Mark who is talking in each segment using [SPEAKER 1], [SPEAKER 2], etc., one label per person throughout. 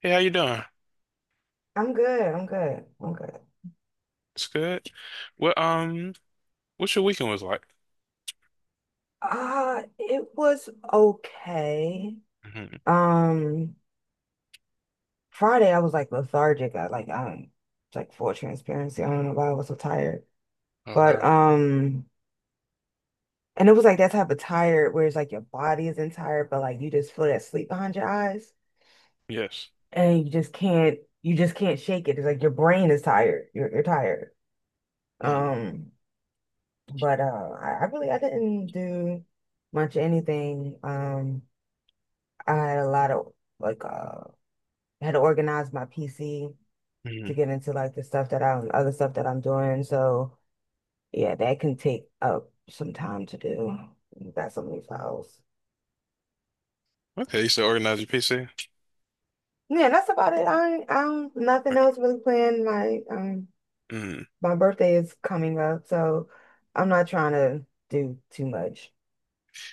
[SPEAKER 1] Hey, how you doing?
[SPEAKER 2] I'm good.
[SPEAKER 1] It's good. Well, what's your weekend was like?
[SPEAKER 2] It was okay.
[SPEAKER 1] Hmm.
[SPEAKER 2] Um, Friday I was like lethargic. I like Like full transparency, I don't know why I was so tired. But
[SPEAKER 1] Uh,
[SPEAKER 2] and it was like that type of tired where it's like your body isn't tired, but like you just feel that sleep behind your eyes
[SPEAKER 1] yes.
[SPEAKER 2] and you just can't shake it. It's like your brain is tired. You're tired.
[SPEAKER 1] Mm-hmm.
[SPEAKER 2] Um, but I really I didn't do much of anything. I had a lot of like uh I had to organize my PC to get into like the stuff that I'm other stuff that I'm doing. So yeah, that can take up some time to do. You got so many files.
[SPEAKER 1] Okay, you said organize your PC.
[SPEAKER 2] Yeah, that's about it. I don't nothing
[SPEAKER 1] Okay.
[SPEAKER 2] else really planned.
[SPEAKER 1] Mm.
[SPEAKER 2] My birthday is coming up, so I'm not trying to do too much.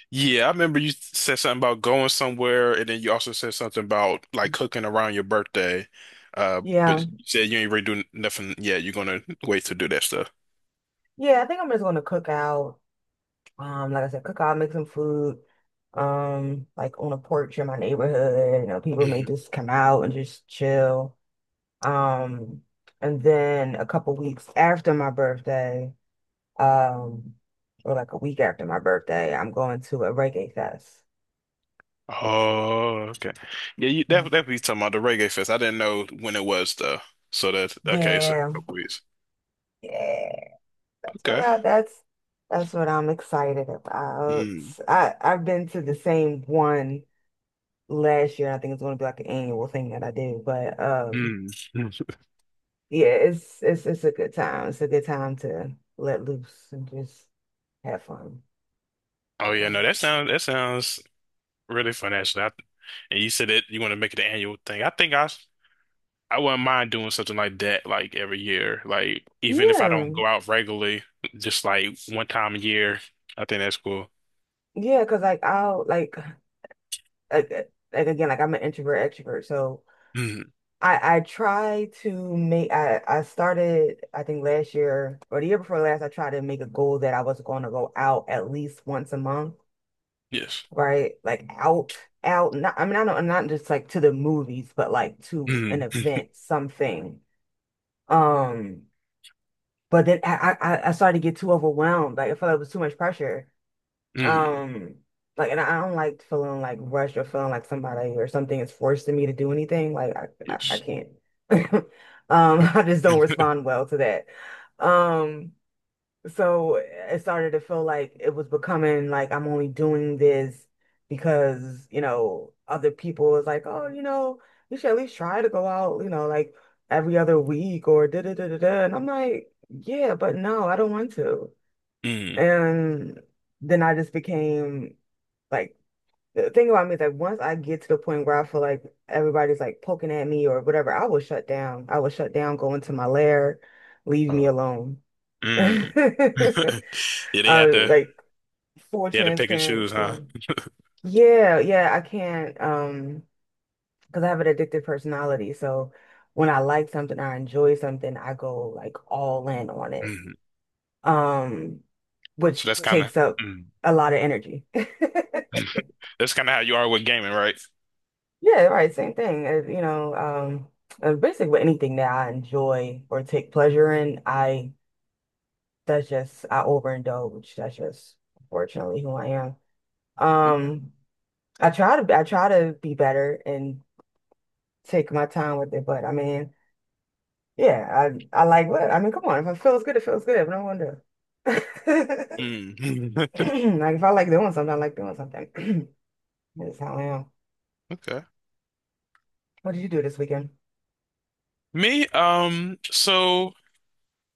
[SPEAKER 1] Yeah, I remember you said something about going somewhere, and then you also said something about like cooking around your birthday. But
[SPEAKER 2] Yeah.
[SPEAKER 1] you said you ain't really doing nothing yet. You're gonna wait to do that stuff.
[SPEAKER 2] Yeah, I think I'm just gonna cook out. Like I said, cook out, make some food. Like on a porch in my neighborhood, people may
[SPEAKER 1] Hmm.
[SPEAKER 2] just come out and just chill. Um, and then a couple weeks after my birthday, um, or like a week after my birthday, I'm going to a reggae fest.
[SPEAKER 1] Oh, okay. Yeah, you that
[SPEAKER 2] Mhm.
[SPEAKER 1] that be talking about the Reggae Fest. I didn't know when it was though. So that, okay, so
[SPEAKER 2] Yeah,
[SPEAKER 1] a couple weeks.
[SPEAKER 2] yeah. That's what
[SPEAKER 1] Okay.
[SPEAKER 2] I, that's that's what I'm excited about.
[SPEAKER 1] Mm.
[SPEAKER 2] I've been to the same one last year. I think it's going to be like an annual thing that I do, but
[SPEAKER 1] Mm.
[SPEAKER 2] yeah, it's a good time. It's a good time to let loose and just have fun.
[SPEAKER 1] Oh yeah, no,
[SPEAKER 2] Wow.
[SPEAKER 1] that sounds really fun actually. And you said that you want to make it an annual thing. I think I wouldn't mind doing something like that like every year. Like even if I don't
[SPEAKER 2] Yeah,
[SPEAKER 1] go out regularly, just like one time a year. I think that's cool.
[SPEAKER 2] yeah, because like I'll like uh, like again, like I'm an introvert extrovert. So
[SPEAKER 1] Mm,
[SPEAKER 2] I try to make I started, I think last year or the year before last, I tried to make a goal that I was going to go out at least once a month,
[SPEAKER 1] yes.
[SPEAKER 2] right? Like out out Not, I mean, I don't, not just like to the movies, but like to an
[SPEAKER 1] Mm,
[SPEAKER 2] event, something. Um. But then I started to get too overwhelmed. Like I felt like it was too much pressure.
[SPEAKER 1] mm,
[SPEAKER 2] Um, like, and I don't like feeling like rushed or feeling like somebody or something is forcing me to do anything. Like I
[SPEAKER 1] yes.
[SPEAKER 2] can't. I just don't respond well to that. Um, so it started to feel like it was becoming like I'm only doing this because, you know, other people was like, oh, you know, you should at least try to go out, you know, like every other week or da da da da da. And I'm like, yeah, but no, I don't want to.
[SPEAKER 1] Mm,
[SPEAKER 2] And then I just became like, the thing about me is like once I get to the point where I feel like everybody's like poking at me or whatever, I will shut down. I will shut down, go into my lair, leave me
[SPEAKER 1] uh,
[SPEAKER 2] alone.
[SPEAKER 1] mm. Yeah, they
[SPEAKER 2] Uh,
[SPEAKER 1] had to
[SPEAKER 2] like full
[SPEAKER 1] they had to pick and choose, huh?
[SPEAKER 2] transparency. Yeah, yeah, I can't because I have an addictive personality. So when I like something or I enjoy something, I go like all in on it.
[SPEAKER 1] Mm.
[SPEAKER 2] Um,
[SPEAKER 1] So
[SPEAKER 2] which
[SPEAKER 1] that's kind of
[SPEAKER 2] takes up
[SPEAKER 1] mm.
[SPEAKER 2] a lot of energy.
[SPEAKER 1] That's kind of how you are with gaming, right?
[SPEAKER 2] Yeah, right, same thing. You know, basically with anything that I enjoy or take pleasure in, I overindulge. That's just unfortunately who I am.
[SPEAKER 1] Okay.
[SPEAKER 2] Um I try to be better and take my time with it, but I mean, yeah, I like what I mean, come on, if it feels good, it feels good. But no wonder.
[SPEAKER 1] Mm.
[SPEAKER 2] Like if I like doing something, I like doing something. That's how I am.
[SPEAKER 1] Okay.
[SPEAKER 2] What did you do this weekend?
[SPEAKER 1] Me, so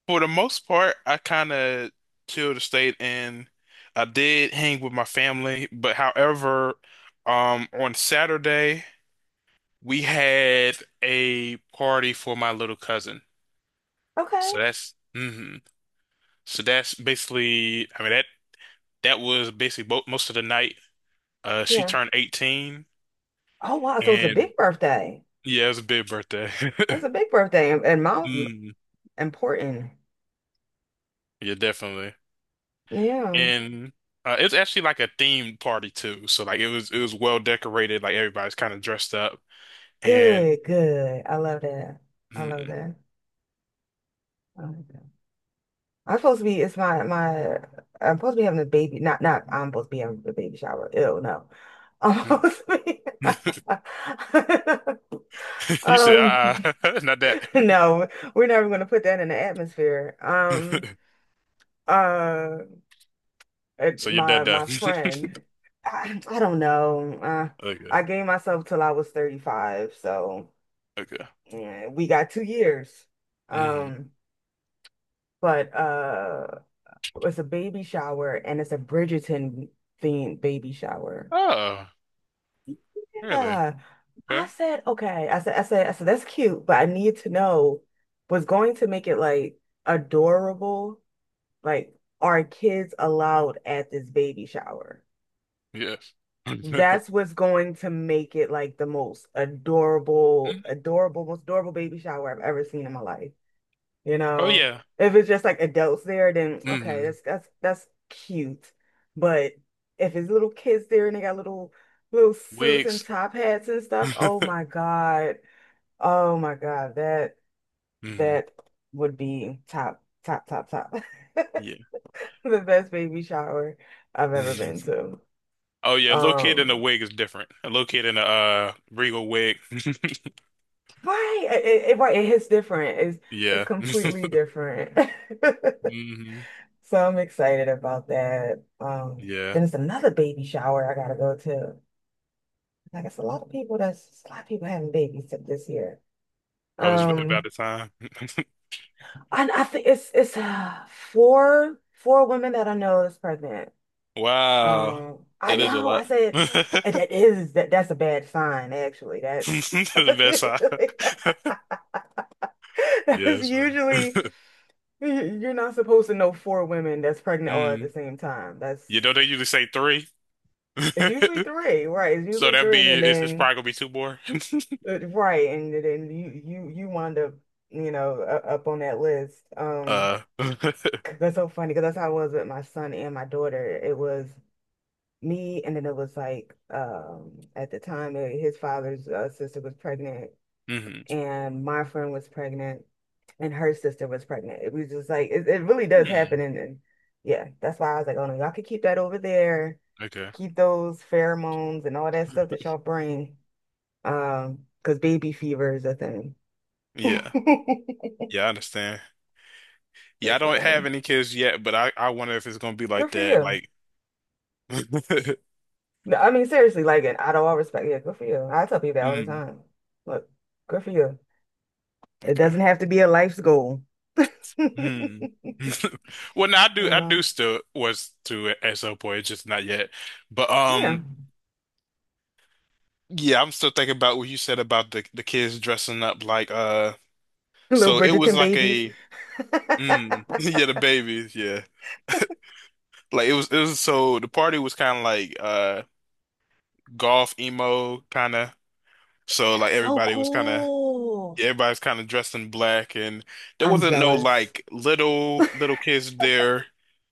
[SPEAKER 1] for the most part, I kind of chilled the state, and I did hang with my family. But however, on Saturday, we had a party for my little cousin.
[SPEAKER 2] Okay,
[SPEAKER 1] So that's, hmm So that's basically, I mean, that was basically bo most of the night. She
[SPEAKER 2] yeah.
[SPEAKER 1] turned 18,
[SPEAKER 2] Oh wow, so it's a
[SPEAKER 1] and
[SPEAKER 2] big birthday.
[SPEAKER 1] yeah, it was a big birthday.
[SPEAKER 2] That's a big birthday, and mine
[SPEAKER 1] Mm,
[SPEAKER 2] important.
[SPEAKER 1] yeah, definitely.
[SPEAKER 2] Yeah,
[SPEAKER 1] And it was actually like a themed party too. So like it was well decorated. Like everybody's kind of dressed up, and
[SPEAKER 2] good, good. I love that. I love
[SPEAKER 1] mm,
[SPEAKER 2] that. Um, I'm supposed to be, it's my, my, I'm supposed to be having a baby, not, not, I'm supposed to be having a baby shower. Ew, no. I'm
[SPEAKER 1] mm.
[SPEAKER 2] supposed to be,
[SPEAKER 1] You said,
[SPEAKER 2] um,
[SPEAKER 1] not that.
[SPEAKER 2] no, we're never going to put that in the atmosphere. Uh,
[SPEAKER 1] So you're done, done.
[SPEAKER 2] my friend, I don't know.
[SPEAKER 1] Okay,
[SPEAKER 2] I gave myself till I was 35, so
[SPEAKER 1] okay.
[SPEAKER 2] yeah, we got 2 years.
[SPEAKER 1] Hmm.
[SPEAKER 2] Um, but, uh, It's a baby shower and it's a Bridgerton themed baby shower.
[SPEAKER 1] Oh, really?
[SPEAKER 2] Yeah. I
[SPEAKER 1] Okay.
[SPEAKER 2] said, okay. I said that's cute, but I need to know what's going to make it like adorable. Like, are kids allowed at this baby shower?
[SPEAKER 1] Yes. Mhm.
[SPEAKER 2] That's what's going to make it like the most adorable, adorable, most adorable baby shower I've ever seen in my life. You
[SPEAKER 1] Oh
[SPEAKER 2] know,
[SPEAKER 1] yeah.
[SPEAKER 2] if it's just like adults there, then okay,
[SPEAKER 1] Hmm.
[SPEAKER 2] that's cute. But if it's little kids there and they got little suits and
[SPEAKER 1] Wigs.
[SPEAKER 2] top hats and stuff, oh my God. Oh my God,
[SPEAKER 1] Hmm.
[SPEAKER 2] that would be top, top, top, top.
[SPEAKER 1] Yeah.
[SPEAKER 2] The best baby shower I've ever been
[SPEAKER 1] Mhm.
[SPEAKER 2] to.
[SPEAKER 1] Oh yeah. Little kid in a
[SPEAKER 2] Um,
[SPEAKER 1] wig is different. A little kid in a regal wig.
[SPEAKER 2] right, right, it hits different. It's
[SPEAKER 1] Yeah.
[SPEAKER 2] completely different.
[SPEAKER 1] Hmm.
[SPEAKER 2] So I'm excited about that.
[SPEAKER 1] Yeah.
[SPEAKER 2] Then it's another baby shower I gotta go to. Like it's a lot of people that's it's a lot of people having babies this year.
[SPEAKER 1] I was about
[SPEAKER 2] Um,
[SPEAKER 1] the time.
[SPEAKER 2] and I think it's four women that I know is pregnant.
[SPEAKER 1] Wow.
[SPEAKER 2] I
[SPEAKER 1] That is a
[SPEAKER 2] know.
[SPEAKER 1] lot.
[SPEAKER 2] And
[SPEAKER 1] That's
[SPEAKER 2] that is that's a bad sign actually. That's
[SPEAKER 1] the
[SPEAKER 2] that's
[SPEAKER 1] best
[SPEAKER 2] usually
[SPEAKER 1] side. Yeah,
[SPEAKER 2] that's
[SPEAKER 1] it's funny.
[SPEAKER 2] usually you're not supposed to know four women that's pregnant all at the
[SPEAKER 1] Mm.
[SPEAKER 2] same time. That's
[SPEAKER 1] You know they usually say three.
[SPEAKER 2] it's usually three, right? It's
[SPEAKER 1] So
[SPEAKER 2] usually
[SPEAKER 1] that'd
[SPEAKER 2] three,
[SPEAKER 1] be
[SPEAKER 2] and
[SPEAKER 1] it's
[SPEAKER 2] then.
[SPEAKER 1] probably gonna be two more.
[SPEAKER 2] Right, and then you wind up, you know, up on that list.
[SPEAKER 1] Uh
[SPEAKER 2] 'Cause that's so funny because that's how it was with my son and my daughter. It was me, and then it was like, at the time, his father's sister was pregnant,
[SPEAKER 1] mhm.
[SPEAKER 2] and my friend was pregnant, and her sister was pregnant. It was just like it really does happen,
[SPEAKER 1] Hmm.
[SPEAKER 2] and yeah, that's why I was like, oh no, y'all could keep that over there,
[SPEAKER 1] Okay.
[SPEAKER 2] keep those pheromones and all that stuff that y'all bring, because baby fever is a thing. That's
[SPEAKER 1] Yeah. Yeah, I understand. Yeah, I
[SPEAKER 2] the
[SPEAKER 1] don't have
[SPEAKER 2] thing.
[SPEAKER 1] any kids yet, but I wonder if it's gonna be like
[SPEAKER 2] Good for
[SPEAKER 1] that.
[SPEAKER 2] you.
[SPEAKER 1] Like
[SPEAKER 2] No, I mean, seriously, like, and out of all respect, yeah, good for you. I tell people that all the
[SPEAKER 1] mm.
[SPEAKER 2] time. Look, good for you. It
[SPEAKER 1] Okay.
[SPEAKER 2] doesn't have to be a life's goal.
[SPEAKER 1] Hmm. Well, no, I do.
[SPEAKER 2] You
[SPEAKER 1] I do
[SPEAKER 2] know,
[SPEAKER 1] Still was to at some point. It's just not yet. But
[SPEAKER 2] yeah.
[SPEAKER 1] yeah, I'm still thinking about what you said about the kids dressing up like.
[SPEAKER 2] Little
[SPEAKER 1] So it was
[SPEAKER 2] Bridgerton
[SPEAKER 1] like
[SPEAKER 2] babies.
[SPEAKER 1] a
[SPEAKER 2] That's
[SPEAKER 1] yeah, the babies, yeah. Like it was so the party was kind of like golf emo kind of. So like
[SPEAKER 2] so
[SPEAKER 1] everybody was kind of
[SPEAKER 2] cool.
[SPEAKER 1] everybody's kind of dressed in black, and there
[SPEAKER 2] I'm
[SPEAKER 1] wasn't no
[SPEAKER 2] jealous.
[SPEAKER 1] like little kids there.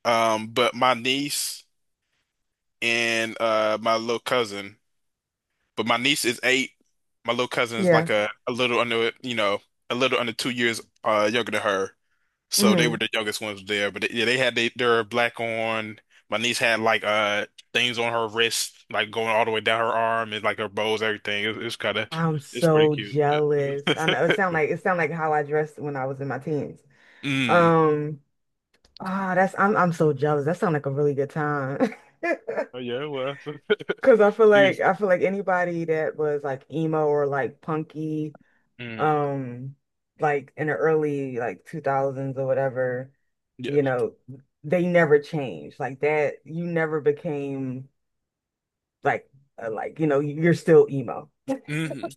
[SPEAKER 1] But my niece, and my little cousin. But my niece is eight. My little cousin is
[SPEAKER 2] Yeah.
[SPEAKER 1] like a little under, a little under 2 years younger than her. So they were
[SPEAKER 2] hmm
[SPEAKER 1] the youngest ones there. But they, yeah, they had their black on. My niece had like things on her wrist, like going all the way down her arm and like her bows, everything. It's kind of
[SPEAKER 2] I'm
[SPEAKER 1] it's pretty
[SPEAKER 2] so
[SPEAKER 1] cute.
[SPEAKER 2] jealous. I
[SPEAKER 1] But
[SPEAKER 2] know it sound like how I dressed when I was in my teens.
[SPEAKER 1] mm.
[SPEAKER 2] Um, that's I'm so jealous. That sounds like a really good time.
[SPEAKER 1] Oh yeah, well,
[SPEAKER 2] Cause
[SPEAKER 1] she's
[SPEAKER 2] I feel like anybody that was like emo or like punky,
[SPEAKER 1] mm,
[SPEAKER 2] um, like in the early like 2000s or whatever, you
[SPEAKER 1] yes.
[SPEAKER 2] know, they never changed. You never became like you know, you're still emo.
[SPEAKER 1] Hmm.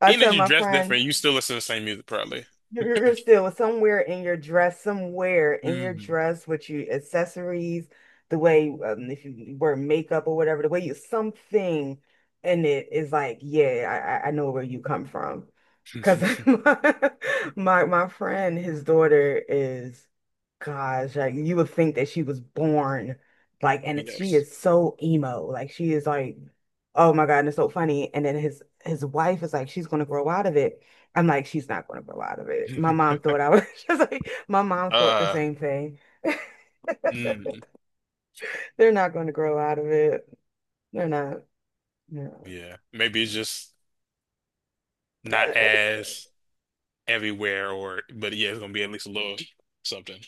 [SPEAKER 2] I
[SPEAKER 1] Even
[SPEAKER 2] tell
[SPEAKER 1] if you
[SPEAKER 2] my
[SPEAKER 1] dress
[SPEAKER 2] friend.
[SPEAKER 1] different, you still listen to the same music, probably.
[SPEAKER 2] You're still somewhere in your dress, somewhere in your
[SPEAKER 1] Hmm.
[SPEAKER 2] dress with your accessories, the way if you wear makeup or whatever, the way you, something in it is like, yeah, I know where you come from. Because my my friend, his daughter is, gosh, like you would think that she was born like, and she
[SPEAKER 1] Yes.
[SPEAKER 2] is so emo, like she is like, oh my God, and it's so funny. And then his wife is like, she's gonna grow out of it. I'm like, she's not going to grow out of it. My mom thought I was just like, my mom thought the
[SPEAKER 1] Uh,
[SPEAKER 2] same thing.
[SPEAKER 1] mm,
[SPEAKER 2] They're not going to grow out of it. They're not. No.
[SPEAKER 1] yeah. Maybe it's just not
[SPEAKER 2] It's-
[SPEAKER 1] as everywhere, or but yeah, it's gonna be at least a little something.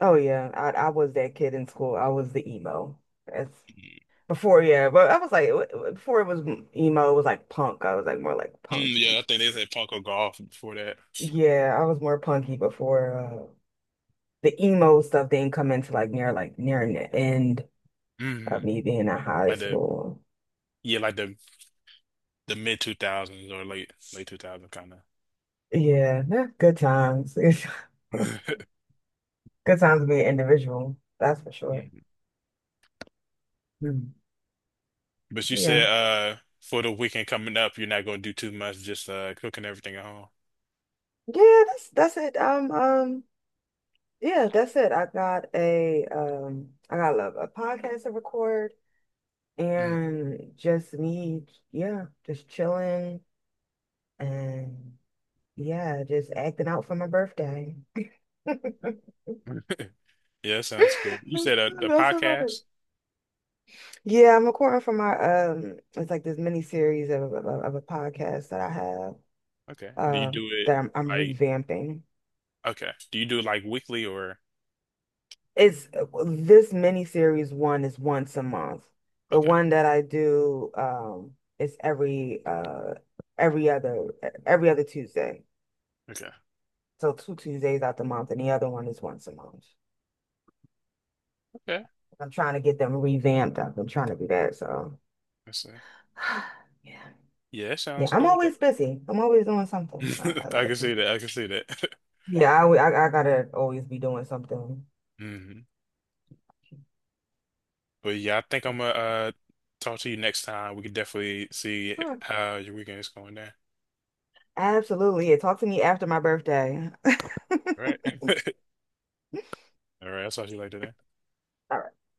[SPEAKER 2] oh yeah, I was that kid in school. I was the emo. That's
[SPEAKER 1] Mm,
[SPEAKER 2] before, yeah, but before it was emo, it was like punk. I was like more like
[SPEAKER 1] yeah,
[SPEAKER 2] punky.
[SPEAKER 1] I think they said Funko Golf before that.
[SPEAKER 2] Yeah, I was more punky before the emo stuff didn't come into like near the end of
[SPEAKER 1] Mm,
[SPEAKER 2] me being in high
[SPEAKER 1] like the
[SPEAKER 2] school.
[SPEAKER 1] yeah, like the mid 2000s or late 2000 kind of.
[SPEAKER 2] Yeah, nah, good times. Good time to be an individual, that's for sure. Mm.
[SPEAKER 1] But you
[SPEAKER 2] Yeah.
[SPEAKER 1] said for the weekend coming up, you're not gonna do too much, just cooking everything at home.
[SPEAKER 2] Yeah, that's it. Yeah, that's it. I got a a podcast to record
[SPEAKER 1] Mm.
[SPEAKER 2] and just me, yeah, just chilling and yeah, just acting out for my birthday. That's
[SPEAKER 1] Yeah, that sounds cool. You said a
[SPEAKER 2] about it.
[SPEAKER 1] podcast?
[SPEAKER 2] Yeah, I'm recording for my it's like this mini series of a podcast that I have
[SPEAKER 1] Okay. Do you do it
[SPEAKER 2] that I'm
[SPEAKER 1] like
[SPEAKER 2] revamping.
[SPEAKER 1] Okay. Do you do it like weekly or
[SPEAKER 2] It's this miniseries, one is once a month. The
[SPEAKER 1] okay.
[SPEAKER 2] one that I do is every every other every other Tuesday.
[SPEAKER 1] Okay.
[SPEAKER 2] So two Tuesdays out the month, and the other one is once a month.
[SPEAKER 1] Okay.
[SPEAKER 2] I'm trying to get them revamped up. I'm trying to do that. So
[SPEAKER 1] I see.
[SPEAKER 2] yeah,
[SPEAKER 1] Yeah, that
[SPEAKER 2] yeah.
[SPEAKER 1] sounds
[SPEAKER 2] I'm
[SPEAKER 1] cool though.
[SPEAKER 2] always busy. I'm always doing something. I
[SPEAKER 1] I
[SPEAKER 2] gotta
[SPEAKER 1] can
[SPEAKER 2] do.
[SPEAKER 1] see that. I can see that.
[SPEAKER 2] Yeah, I gotta always be doing something.
[SPEAKER 1] Hmm. But yeah, I think I'm gonna talk to you next time. We can definitely see
[SPEAKER 2] Sure.
[SPEAKER 1] how your weekend is going there.
[SPEAKER 2] Absolutely. Yeah, talk to me after my birthday. All
[SPEAKER 1] All right. All right, I'll talk to you later then.
[SPEAKER 2] right.